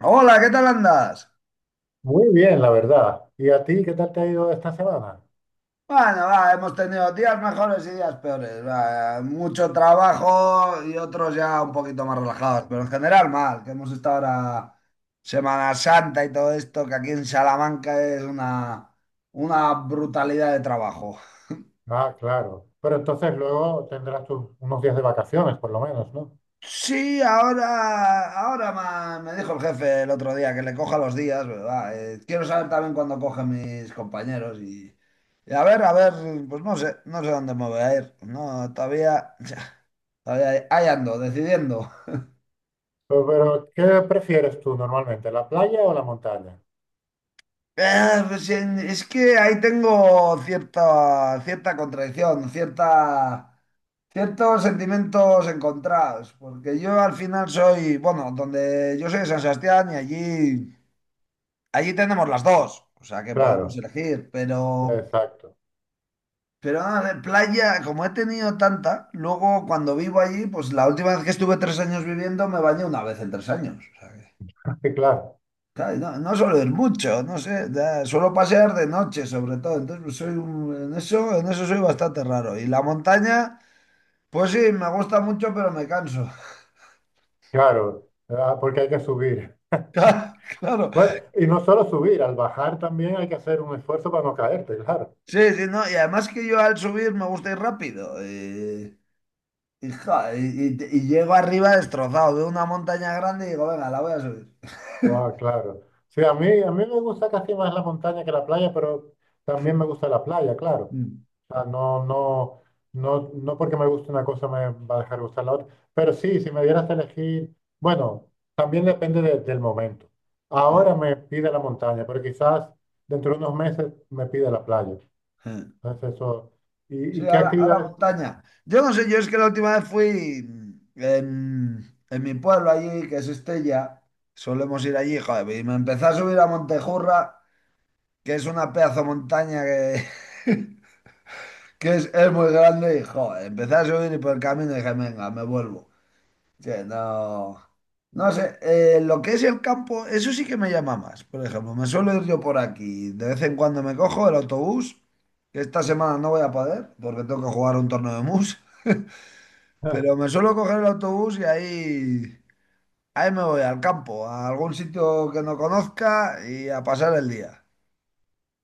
Hola, ¿qué tal andas? Muy bien, la verdad. ¿Y a ti qué tal te ha ido esta semana? Bueno, va, hemos tenido días mejores y días peores. Va, mucho trabajo y otros ya un poquito más relajados, pero en general mal, que hemos estado ahora Semana Santa y todo esto, que aquí en Salamanca es una brutalidad de trabajo. Ah, claro. Pero entonces luego tendrás unos días de vacaciones, por lo menos, ¿no? Sí, ahora me dijo el jefe el otro día que le coja los días, ¿verdad? Quiero saber también cuándo cogen mis compañeros y a ver, pues no sé, no sé dónde me voy a ir. No, todavía. Ahí, ando, decidiendo. Pero, ¿qué prefieres tú normalmente, la playa o la montaña? Pues, es que ahí tengo cierta, cierta contradicción, cierta, ciertos sentimientos encontrados, porque yo al final soy, bueno, donde yo soy de San Sebastián y allí tenemos las dos, o sea que podemos Claro, elegir, pero, exacto. A ver, playa, como he tenido tanta, luego cuando vivo allí, pues la última vez que estuve 3 años viviendo me bañé una vez en 3 años. Sí, claro, Claro, no, no suelo ir mucho, no sé, suelo pasear de noche sobre todo, entonces pues, soy en eso soy bastante raro. Y la montaña, pues sí, me gusta mucho, pero me canso. claro. Ah, porque hay que subir. Claro, claro. Bueno, y no solo subir, al bajar también hay que hacer un esfuerzo para no caerte, claro. Sí, sí, no, y además que yo al subir me gusta ir rápido. Y llego arriba destrozado, veo una montaña grande y digo, venga, la voy a subir. Guau, claro. Sí, a mí me gusta casi más la montaña que la playa, pero también me gusta la playa, claro. Sea, no, no, no, no porque me guste una cosa me va a dejar gustar la otra. Pero sí, si me dieras a elegir, bueno, también depende del momento. Mm. Ahora me pide la montaña, pero quizás dentro de unos meses me pide la playa. Entonces eso. ¿Y, Sí, y qué ahora actividades? montaña. Yo no sé, yo es que la última vez fui en mi pueblo allí, que es Estella, solemos ir allí, joder, y me empecé a subir a Montejurra, que es una pedazo de montaña que es muy grande, y joder, empecé a subir y por el camino dije, venga, me vuelvo. Sí, no, no sé, lo que es el campo, eso sí que me llama más. Por ejemplo, me suelo ir yo por aquí. De vez en cuando me cojo el autobús, que esta semana no voy a poder porque tengo que jugar un torneo de mus. Pero me suelo coger el autobús y ahí me voy al campo, a algún sitio que no conozca y a pasar el día.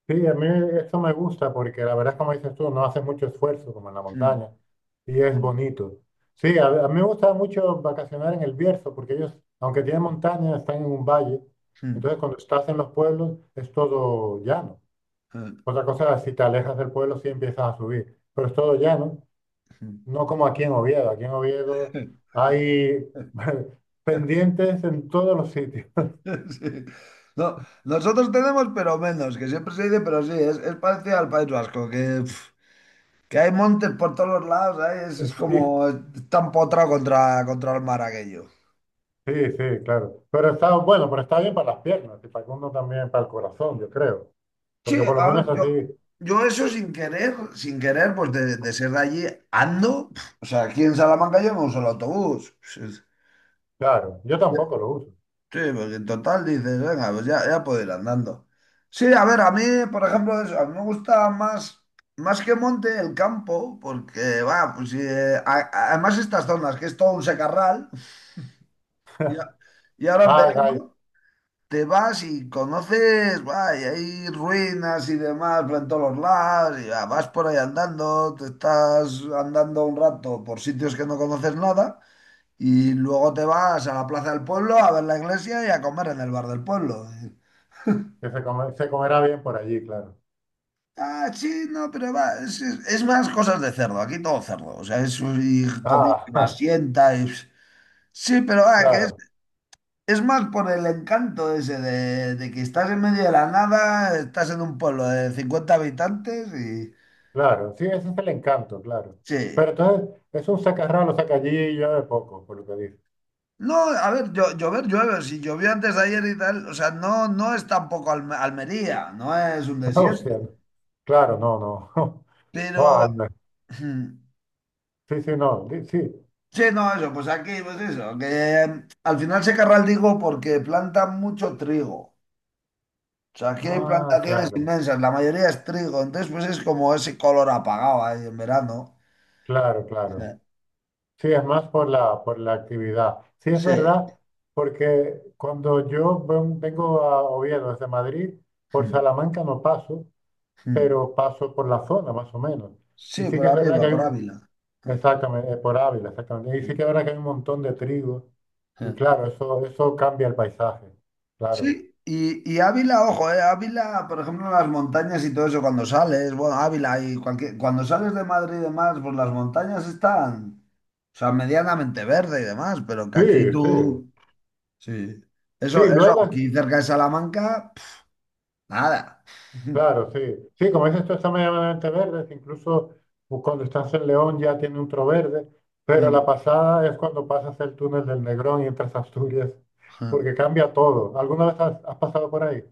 Sí, a mí esto me gusta porque la verdad es como dices tú, no hace mucho esfuerzo como en la Mm, montaña y es mm, bonito. Sí, a mí me gusta mucho vacacionar en el Bierzo porque ellos, aunque tienen montaña, están en un valle. mm, Entonces cuando estás en los pueblos es todo llano. Otra cosa es si te alejas del pueblo sí empiezas a subir, pero es todo llano, mm, no como aquí en Oviedo. Aquí en Oviedo mm. hay pendientes en todos los sitios. Sí. No, nosotros tenemos, pero menos, que siempre se dice, pero sí, es parecido al País Vasco, que hay montes por todos los lados. Ahí es Sí, como está empotrado contra el mar aquello. sí, sí, claro. Pero está bueno, pero está bien para las piernas y para que uno también, para el corazón, yo creo. Sí, Porque por lo a menos ver, yo, así, yo eso sin querer, sin querer, pues de ser de allí, ando. O sea, aquí en Salamanca yo me uso el autobús. Sí, claro, yo sí. tampoco lo uso. Sí, porque en total dices, venga, pues ya, ya puedo ir andando. Sí, a ver, a mí, por ejemplo, eso, a mí me gusta más, más que monte el campo, porque, va, pues sí, además estas zonas, que es todo un secarral. y, a- y ahora en Ah, gay, verano te vas y conoces, va, y hay ruinas y demás por en todos los lados, y va, vas por ahí andando, te estás andando un rato por sitios que no conoces nada. Y luego te vas a la plaza del pueblo a ver la iglesia y a comer en el bar del pueblo. que se comerá bien por allí, claro. Ah, sí, no, pero va, es más cosas de cerdo, aquí todo cerdo, o sea, es y comida que Ah, más sienta, y... sí, pero va, que claro, es más por el encanto ese de que estás en medio de la nada, estás en un pueblo de 50 habitantes y... claro. Sí, ese es el encanto, claro. Sí. Pero entonces, es un sacarralo, saca allí y yo de poco, por lo que dice. No, a ver, llover llueve, si llovió antes de ayer y tal, o sea, no, no es tampoco Almería, no es un O sea, desierto, no. Claro, no, no. Buah, pero... anda. Sí, sí, no. Sí. Sí, no, eso, pues aquí, pues eso, que al final se carga el trigo porque plantan mucho trigo. O sea, aquí hay Ah, plantaciones claro, inmensas, la mayoría es trigo, entonces pues es como ese color apagado ahí en verano. claro, claro. Eh, Sí, es más por la actividad. Sí, es Sí. verdad, porque cuando yo vengo a Oviedo desde Madrid, por Mm, Salamanca no paso, mm. pero paso por la zona más o menos. Y Sí, sí por que es verdad que arriba, hay por Ávila. Eh, exactamente, por Ávila, exactamente. Y sí eh, que es verdad que hay un montón de trigo. Y eh. claro, eso cambia el paisaje, claro. Sí, y Ávila, ojo, Ávila, por ejemplo, en las montañas y todo eso, cuando sales, bueno, Ávila y cualquier, cuando sales de Madrid y demás, pues las montañas están, o sea, medianamente verde y demás, pero que Sí, aquí sí. tú... Sí. Eso, Sí, eso, luego. aquí cerca de Salamanca, nada. Claro, sí. Sí, como dices tú, están medianamente verde. Incluso cuando estás en León ya tiene un tro verde. Pero la pasada es cuando pasas el túnel del Negrón y entras a Asturias, porque cambia todo. ¿Alguna vez has pasado por ahí?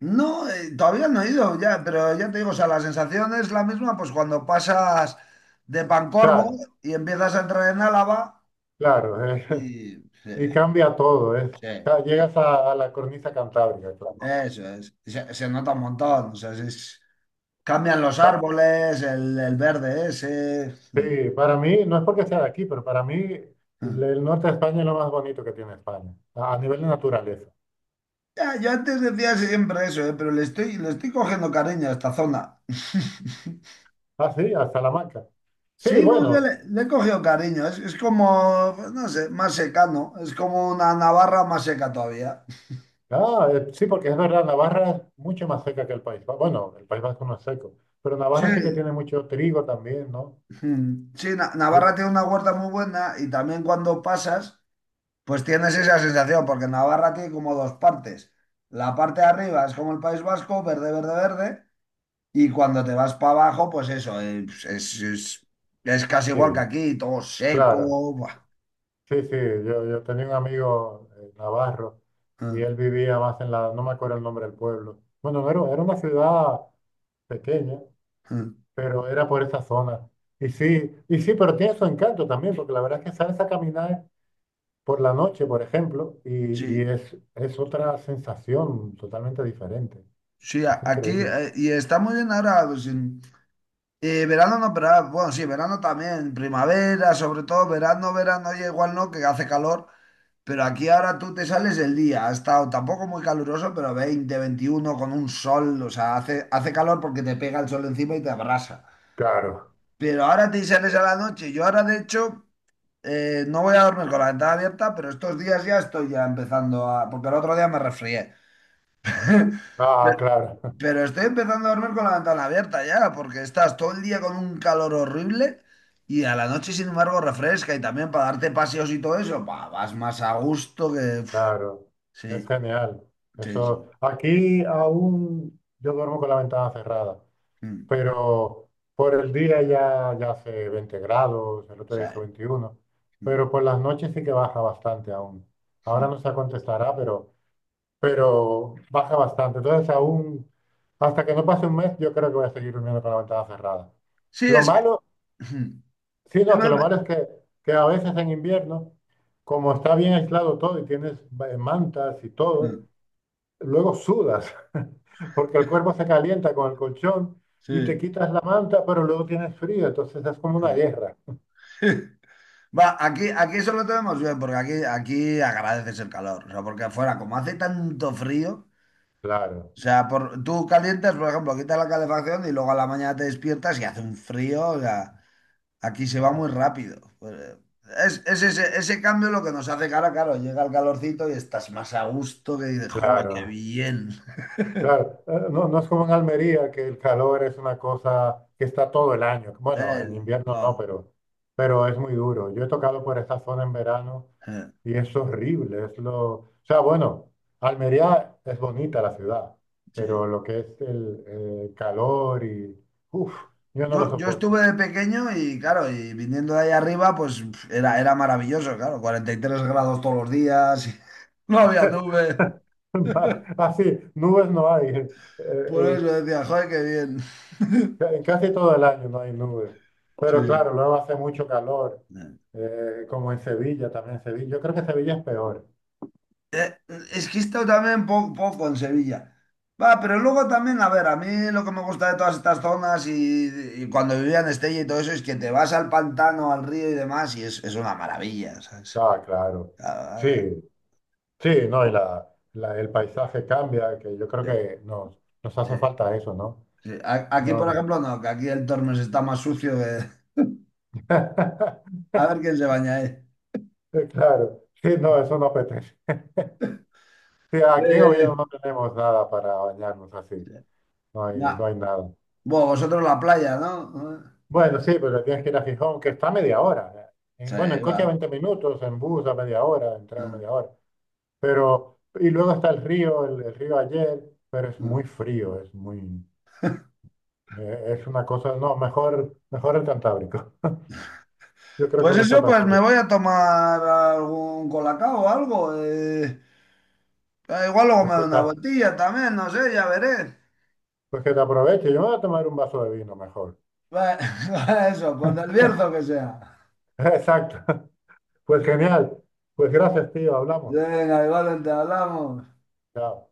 No, todavía no he ido, ya, pero ya te digo, o sea, la sensación es la misma, pues cuando pasas de Pancorbo Claro, y empiezas a entrar en Álava, claro. Y sí, Y cambia todo. Es, sí, llegas a la cornisa cantábrica, claro. eso es. Se nota un montón, o sea, cambian los Pa- árboles, el verde ese. Sí, para mí, no es porque sea de aquí, pero para mí el norte de España es lo más bonito que tiene España, a nivel de naturaleza. Ya, yo antes decía siempre eso, pero le estoy cogiendo cariño a esta zona. Ah, sí, a Salamanca. Sí, Sí, no sé, le, bueno. le he cogido cariño. Es como, pues, no sé, más seca. No. Es como una Navarra más seca todavía. Ah, sí, porque es verdad, Navarra es mucho más seca que el País Vasco. Bueno, el País Vasco no es seco, pero Sí, Navarra sí que tiene mucho trigo también, ¿no? mm, sí, Navarra Yo, tiene una huerta muy buena y también cuando pasas, pues tienes esa sensación, porque Navarra tiene como dos partes. La parte de arriba es como el País Vasco, verde, verde, verde, y cuando te vas para abajo, pues eso, pues es casi igual que sí, aquí, todo seco. claro. Buah. Sí, sí, yo tenía un amigo navarro y Mm, él vivía más no me acuerdo el nombre del pueblo. Bueno, no era, era una ciudad pequeña, mm. pero era por esa zona. Y sí, pero tiene su encanto también, porque la verdad es que sales a caminar por la noche, por ejemplo, y Sí, es otra sensación totalmente diferente. sí, Es aquí, increíble. Y está muy bien ahora, pues... Verano no, pero ah, bueno, sí, verano también, primavera, sobre todo verano, verano, ya igual no, que hace calor, pero aquí ahora tú te sales el día, ha estado tampoco muy caluroso, pero 20, 21 con un sol, o sea, hace calor porque te pega el sol encima y te abrasa. Claro. Pero ahora te sales a la noche, yo ahora de hecho no voy a dormir con la ventana abierta, pero estos días ya estoy ya empezando a, porque el otro día me resfrié. Ah, claro. Pero estoy empezando a dormir con la ventana abierta ya, porque estás todo el día con un calor horrible y a la noche, sin embargo, refresca y también para darte paseos y todo eso, pa, vas más a gusto que... Uf, Claro. Es sí, genial. sí, Eso. sí. Aquí aún yo duermo con la ventana cerrada, Mm, pero por el día ya hace 20 grados, el o otro día sea, hizo 21, mm, pero por las noches sí que baja bastante aún. Ahora mm. no se contestará, pero baja bastante. Entonces aún, hasta que no pase un mes, yo creo que voy a seguir durmiendo con la ventana cerrada. Sí, Lo es que... malo Mm, Sí, no, dime, que lo dime. malo es que a veces en invierno, como está bien aislado todo y tienes mantas y todo, Mm. luego sudas, porque el cuerpo se calienta con el colchón y te Sí. quitas la manta, pero luego tienes frío, entonces es como una guerra. Va, aquí, aquí eso lo tenemos bien, porque aquí, aquí agradeces el calor, o sea, porque afuera, como hace tanto frío... Claro, O sea, por, tú calientas, por ejemplo, quitas la calefacción y luego a la mañana te despiertas y hace un frío. O sea, aquí se va oh, muy rápido. Pues, es ese, ese cambio lo que nos hace cara, claro, llega el calorcito y estás más a gusto que dices, ¡joder, qué claro, bien! claro. No, no es como en Almería, que el calor es una cosa que está todo el año. Bueno, en invierno no, No, pero es muy duro. Yo he tocado por esa zona en verano. eh, Y es horrible, es lo. O sea, bueno, Almería es bonita la ciudad, pero sí. lo que es el calor y. Uf, yo no lo Yo soporto. estuve de pequeño y claro, y viniendo de ahí arriba, pues pf, era maravilloso, claro, 43 grados todos los días. No había nube. Así, nubes no hay. Por eso eh, decía, joder, qué bien. En casi todo el año no hay nubes. Pero Sí. claro, luego hace mucho calor, Eh. Como en Sevilla, también en Sevilla. Yo creo que Sevilla es peor. Eh, Es que esto también poco en Sevilla. Va, pero luego también, a ver, a mí lo que me gusta de todas estas zonas y cuando vivía en Estella y todo eso es que te vas al pantano, al río y demás y es una maravilla, ¿sabes? Ah, claro. Sí, Ah, sí, no, y el paisaje cambia, que yo creo sí, que nos sí, hace falta eso, ¿no? sí. Aquí, por No. ejemplo, no, que aquí el Tormes está más sucio que... No. A ver quién se baña ahí. Claro, sí, no, eso no apetece. Sí, aquí en Oviedo Eh, no tenemos nada para bañarnos así, sí, no hay, no ya. hay nada. Bueno, vosotros la playa, ¿no? Bueno, sí, pero tienes que ir a Gijón, que está a media hora. ¿Eh? Sí, Bueno, en va. coche a 20 minutos, en bus a media hora, en tren a media hora. Pero, y luego está el río, el río Ayer, pero es muy frío, es muy, es una cosa, no, mejor el Cantábrico. Yo creo que Pues no está eso, tan pues frío. me voy a tomar algún colacao o algo. Igual luego Pues me da que te, una vueltilla también, no sé, ya veré. pues que te aproveche, yo me voy a tomar un vaso de vino mejor. Va- Va, eso, pues del Bierzo que sea. Exacto, pues genial. Pues gracias, tío, hablamos. Venga, igual te hablamos. Yeah.